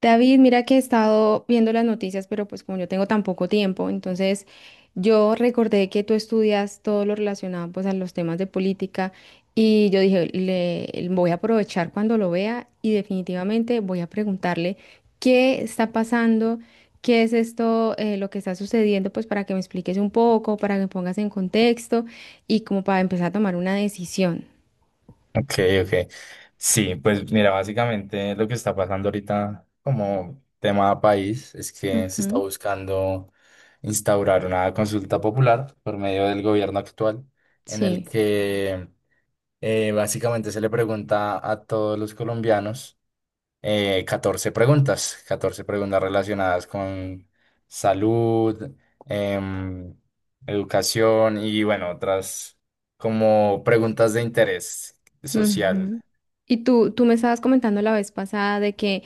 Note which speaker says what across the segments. Speaker 1: David, mira que he estado viendo las noticias, pero pues como yo tengo tan poco tiempo, entonces yo recordé que tú estudias todo lo relacionado pues a los temas de política y yo dije, le voy a aprovechar cuando lo vea y definitivamente voy a preguntarle qué está pasando, qué es esto, lo que está sucediendo, pues para que me expliques un poco, para que me pongas en contexto y como para empezar a tomar una decisión.
Speaker 2: Ok, ok. Sí, pues mira, básicamente lo que está pasando ahorita como tema país es que se está
Speaker 1: Ujú.
Speaker 2: buscando instaurar una consulta popular por medio del gobierno actual, en el
Speaker 1: Sí.
Speaker 2: que básicamente se le pregunta a todos los colombianos 14 preguntas, 14 preguntas relacionadas con salud, em, educación y bueno, otras como preguntas de interés social.
Speaker 1: Ujú. Y tú me estabas comentando la vez pasada de que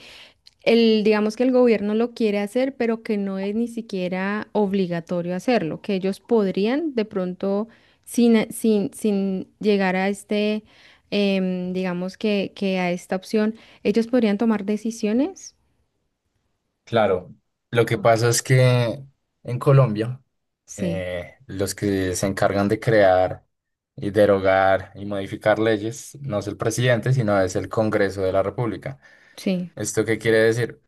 Speaker 1: el, digamos que el gobierno lo quiere hacer, pero que no es ni siquiera obligatorio hacerlo, que ellos podrían de pronto, sin llegar a este, digamos que a esta opción, ellos podrían tomar decisiones.
Speaker 2: Claro, lo que pasa
Speaker 1: Ok.
Speaker 2: es que en Colombia
Speaker 1: Sí,
Speaker 2: los que se encargan de crear y derogar y modificar leyes no es el presidente, sino es el Congreso de la República.
Speaker 1: sí,
Speaker 2: ¿Esto qué quiere decir?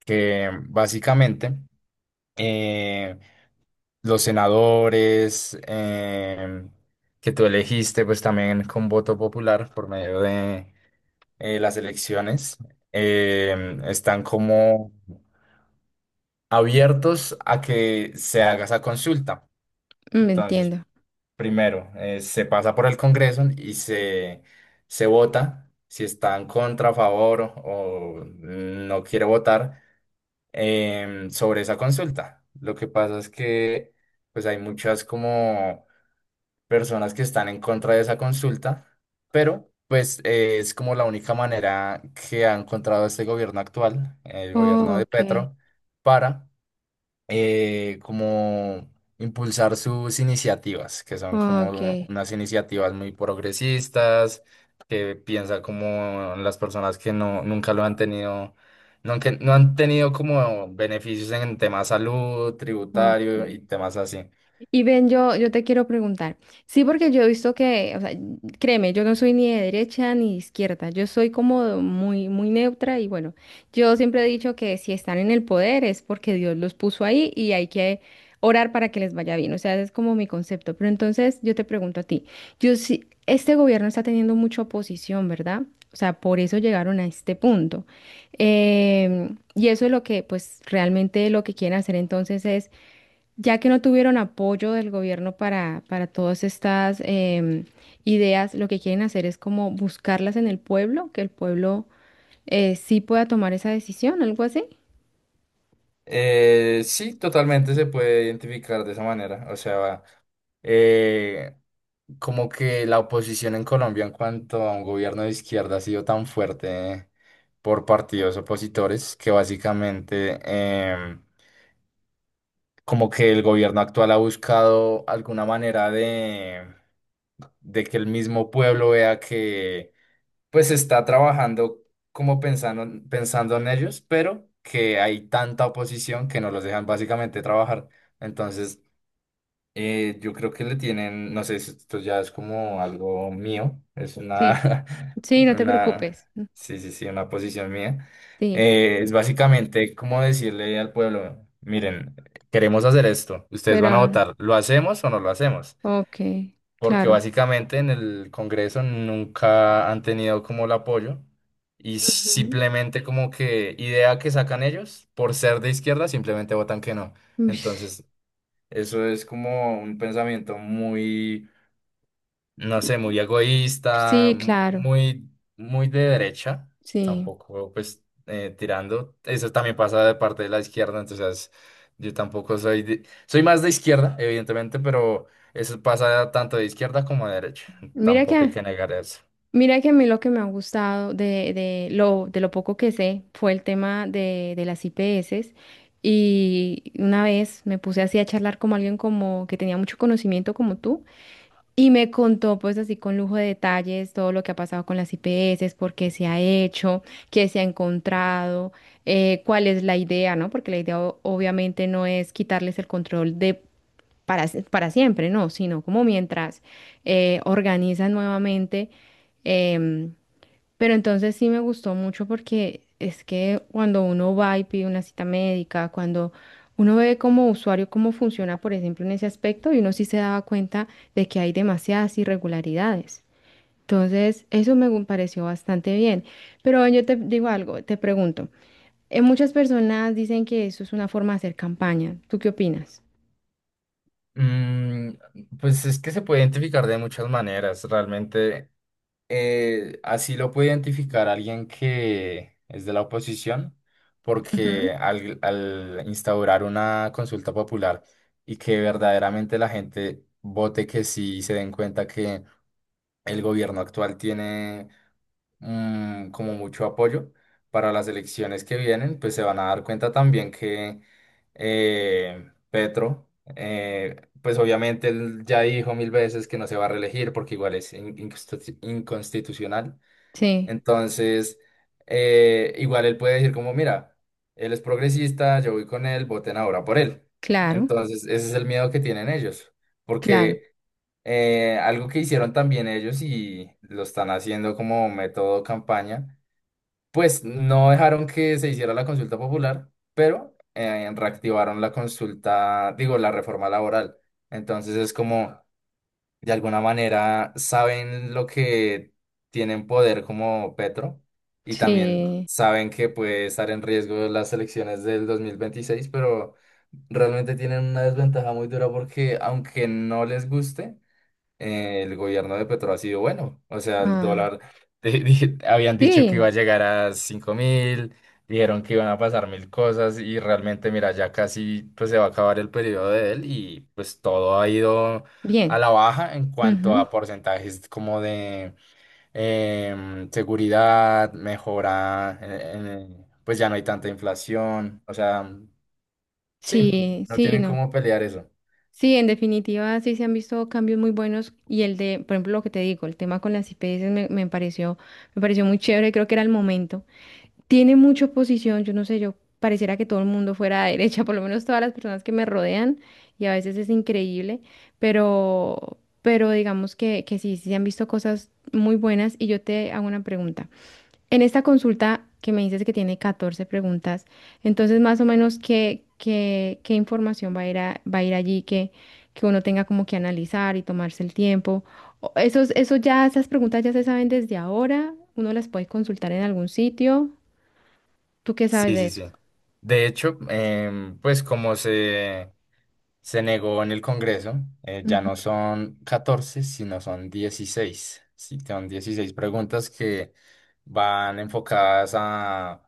Speaker 2: Que básicamente eh, los senadores que tú elegiste, pues también con voto popular por medio de las elecciones, están como abiertos a que se haga esa consulta.
Speaker 1: me
Speaker 2: Entonces,
Speaker 1: entiendo.
Speaker 2: primero, se pasa por el Congreso y se vota si está en contra, a favor o no quiere votar sobre esa consulta. Lo que pasa es que pues hay muchas como personas que están en contra de esa consulta, pero pues es como la única manera que ha encontrado este gobierno actual, el
Speaker 1: Oh,
Speaker 2: gobierno de
Speaker 1: ok,
Speaker 2: Petro, para como impulsar sus iniciativas, que son como
Speaker 1: ok,
Speaker 2: unas iniciativas muy progresistas, que piensa como en las personas que no, nunca lo han tenido, no, que no han tenido como beneficios en temas salud, tributario
Speaker 1: ok.
Speaker 2: y temas así.
Speaker 1: Y Ben, yo te quiero preguntar. Sí, porque yo he visto que, o sea, créeme, yo no soy ni de derecha ni de izquierda. Yo soy como muy, muy neutra y bueno, yo siempre he dicho que si están en el poder es porque Dios los puso ahí y hay que orar para que les vaya bien. O sea, ese es como mi concepto. Pero entonces yo te pregunto a ti, yo sí, este gobierno está teniendo mucha oposición, ¿verdad? O sea, por eso llegaron a este punto. Y eso es lo que, pues, realmente lo que quieren hacer entonces es ya que no tuvieron apoyo del gobierno para todas estas ideas, lo que quieren hacer es como buscarlas en el pueblo, que el pueblo sí pueda tomar esa decisión, algo así.
Speaker 2: Sí, totalmente se puede identificar de esa manera. O sea, eh, como que la oposición en Colombia en cuanto a un gobierno de izquierda ha sido tan fuerte por partidos opositores que básicamente como que el gobierno actual ha buscado alguna manera de que el mismo pueblo vea que pues está trabajando como pensando, pensando en ellos, pero que hay tanta oposición que no los dejan básicamente trabajar. Entonces yo creo que le tienen, no sé si esto ya es como algo mío, es
Speaker 1: Sí,
Speaker 2: una,
Speaker 1: sí, no te
Speaker 2: una,
Speaker 1: preocupes.
Speaker 2: sí, sí, sí, una posición mía.
Speaker 1: Sí,
Speaker 2: Es básicamente como decirle al pueblo, miren, queremos hacer esto, ustedes van
Speaker 1: pero,
Speaker 2: a
Speaker 1: no,
Speaker 2: votar, ¿lo hacemos o no lo hacemos?
Speaker 1: ok,
Speaker 2: Porque
Speaker 1: claro.
Speaker 2: básicamente en el Congreso nunca han tenido como el apoyo y
Speaker 1: Ujú.
Speaker 2: simplemente como que idea que sacan ellos, por ser de izquierda, simplemente votan que no.
Speaker 1: Ush.
Speaker 2: Entonces... eso es como un pensamiento muy, no sé, muy egoísta,
Speaker 1: Sí, claro,
Speaker 2: muy, muy de derecha,
Speaker 1: sí.
Speaker 2: tampoco pues tirando. Eso también pasa de parte de la izquierda, entonces yo tampoco soy más de izquierda, evidentemente, pero eso pasa tanto de izquierda como de derecha.
Speaker 1: Mira que
Speaker 2: Tampoco hay que negar eso.
Speaker 1: Mira que a mí lo que me ha gustado de de lo poco que sé fue el tema de las IPS y una vez me puse así a charlar con alguien como que tenía mucho conocimiento como tú y me contó pues así con lujo de detalles todo lo que ha pasado con las IPS, por qué se ha hecho, qué se ha encontrado, cuál es la idea, ¿no? Porque la idea obviamente no es quitarles el control de para siempre, no, sino como mientras organizan nuevamente. em, pero entonces sí me gustó mucho porque es que cuando uno va y pide una cita médica, cuando uno ve como usuario cómo funciona, por ejemplo, en ese aspecto, y uno sí se daba cuenta de que hay demasiadas irregularidades. Entonces, pareció bastante bien. Pero yo te digo algo, te pregunto, muchas personas dicen que eso es una forma de hacer campaña. ¿Tú qué opinas?
Speaker 2: Mm, pues es que se puede identificar de muchas maneras, realmente. Así lo puede identificar alguien que es de la oposición, porque al instaurar una consulta popular y que verdaderamente la gente vote que sí y se den cuenta que el gobierno actual tiene mm, como mucho apoyo para las elecciones que vienen, pues se van a dar cuenta también que Petro, pues obviamente él ya dijo mil veces que no se va a reelegir porque igual es inconstitucional.
Speaker 1: Sí,
Speaker 2: Entonces, igual él puede decir como, mira, él es progresista, yo voy con él, voten ahora por él.
Speaker 1: claro,
Speaker 2: Entonces, ese es el miedo que tienen ellos,
Speaker 1: claro.
Speaker 2: porque algo que hicieron también ellos y lo están haciendo como método campaña, pues no dejaron que se hiciera la consulta popular, pero reactivaron la reforma laboral. Entonces es como, de alguna manera saben lo que tienen poder como Petro y también
Speaker 1: Sí.
Speaker 2: saben que puede estar en riesgo las elecciones del 2026, pero realmente tienen una desventaja muy dura porque aunque no les guste, el gobierno de Petro ha sido bueno. O sea, el
Speaker 1: Ah,
Speaker 2: dólar, habían dicho que iba
Speaker 1: sí,
Speaker 2: a llegar a 5000, dijeron que iban a pasar mil cosas y realmente, mira, ya casi pues se va a acabar el periodo de él y pues todo ha ido
Speaker 1: bien.
Speaker 2: a la baja en cuanto
Speaker 1: Ujú.
Speaker 2: a porcentajes como de seguridad, mejora, pues ya no hay tanta inflación. O sea, sí,
Speaker 1: Sí,
Speaker 2: no
Speaker 1: sí,
Speaker 2: tienen
Speaker 1: no.
Speaker 2: cómo pelear eso.
Speaker 1: Sí, en definitiva, sí se han visto cambios muy buenos y el de, por ejemplo, lo que te digo, el tema con las IPS me pareció muy chévere, creo que era el momento. Tiene mucha oposición, yo no sé, yo pareciera que todo el mundo fuera de derecha, por lo menos todas las personas que me rodean y a veces es increíble, pero digamos que sí, sí se han visto cosas muy buenas y yo te hago una pregunta. En esta consulta que me dices que tiene 14 preguntas, entonces más o menos qué información va a ir allí que uno tenga como que analizar y tomarse el tiempo. Eso ya, esas preguntas ya se saben desde ahora, uno las puede consultar en algún sitio. ¿Tú qué sabes
Speaker 2: Sí,
Speaker 1: de
Speaker 2: sí,
Speaker 1: eso?
Speaker 2: sí. De hecho, pues se negó en el Congreso, ya
Speaker 1: Ujú.
Speaker 2: no son 14 sino son 16. Sí, son 16 preguntas que van enfocadas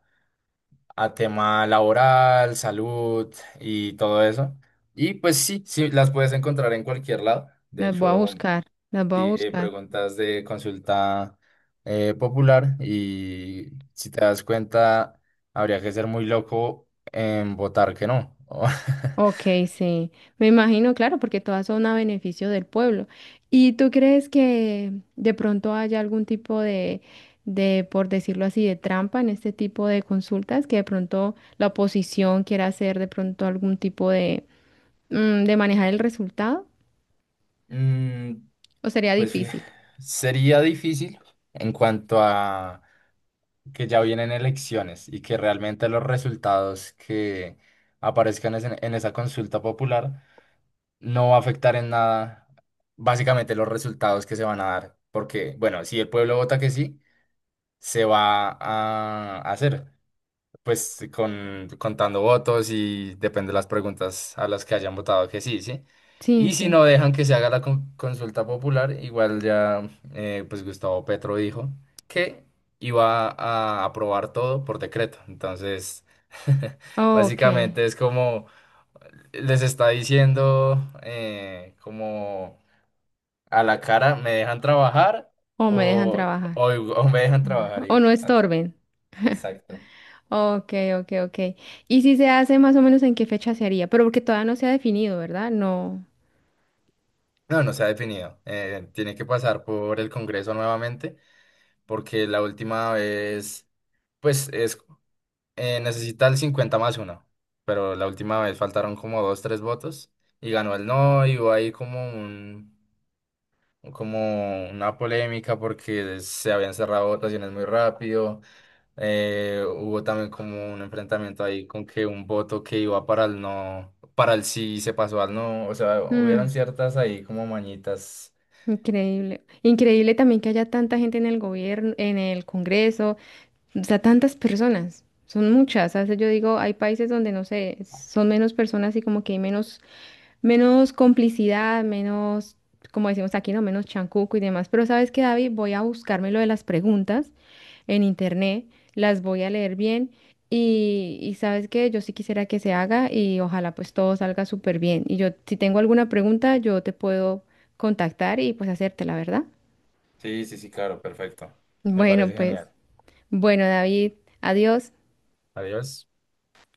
Speaker 2: a tema laboral, salud y todo eso. Y pues sí, sí, las puedes encontrar en cualquier lado. De
Speaker 1: Las voy a
Speaker 2: hecho,
Speaker 1: buscar, las voy a
Speaker 2: sí,
Speaker 1: buscar.
Speaker 2: preguntas de consulta popular y si te das cuenta, habría que ser muy loco en votar que no.
Speaker 1: Ok, sí, me imagino, claro, porque todas son a beneficio del pueblo. ¿Y tú crees que de pronto haya algún tipo de, por decirlo así, de trampa en este tipo de consultas, que de pronto la oposición quiera hacer de pronto algún tipo de, de manejar el resultado?
Speaker 2: Mm,
Speaker 1: ¿O sería
Speaker 2: pues fí-
Speaker 1: difícil?
Speaker 2: sería difícil en cuanto a que ya vienen elecciones y que realmente los resultados que aparezcan en esa consulta popular no va a afectar en nada básicamente los resultados que se van a dar. Porque, bueno, si el pueblo vota que sí, se va a hacer, pues contando votos y depende de las preguntas a las que hayan votado que sí, ¿sí?
Speaker 1: Sí,
Speaker 2: Y si
Speaker 1: entiendo.
Speaker 2: no dejan que se haga la consulta popular, igual ya, pues Gustavo Petro dijo que iba a aprobar todo por decreto. Entonces,
Speaker 1: Ok,
Speaker 2: básicamente es como les está diciendo, como a la cara, ¿me dejan trabajar
Speaker 1: o me dejan
Speaker 2: o,
Speaker 1: trabajar,
Speaker 2: o me dejan trabajar?
Speaker 1: o
Speaker 2: Y,
Speaker 1: no estorben.
Speaker 2: exacto.
Speaker 1: Ok, ok, ok. ¿Y si se hace más o menos en qué fecha se haría? Pero porque todavía no se ha definido, ¿verdad? No.
Speaker 2: No, no se ha definido. Tiene que pasar por el Congreso nuevamente, porque la última vez, pues, es, necesita el 50 más 1, pero la última vez faltaron como dos, tres votos y ganó el no y hubo ahí como un, como una polémica porque se habían cerrado votaciones muy rápido. Hubo también como un enfrentamiento ahí con que un voto que iba para el no, para el sí se pasó al no. O sea,
Speaker 1: Mm.
Speaker 2: hubieron ciertas ahí como mañitas.
Speaker 1: Increíble. Increíble también que haya tanta gente en el gobierno, en el Congreso, o sea, tantas personas. Son muchas. A veces yo digo, hay países donde no sé, son menos personas y como que hay menos, menos complicidad, menos, como decimos aquí, no, menos chancuco y demás. Pero ¿sabes qué, David? Voy a buscarme lo de las preguntas en internet, las voy a leer bien y sabes que yo sí quisiera que se haga y ojalá pues todo salga súper bien. Y yo, si tengo alguna pregunta, yo te puedo contactar y pues hacértela, ¿verdad?
Speaker 2: Sí, sí, sí, claro, perfecto. Me
Speaker 1: Bueno,
Speaker 2: parece
Speaker 1: pues,
Speaker 2: genial.
Speaker 1: bueno, David, adiós.
Speaker 2: Adiós.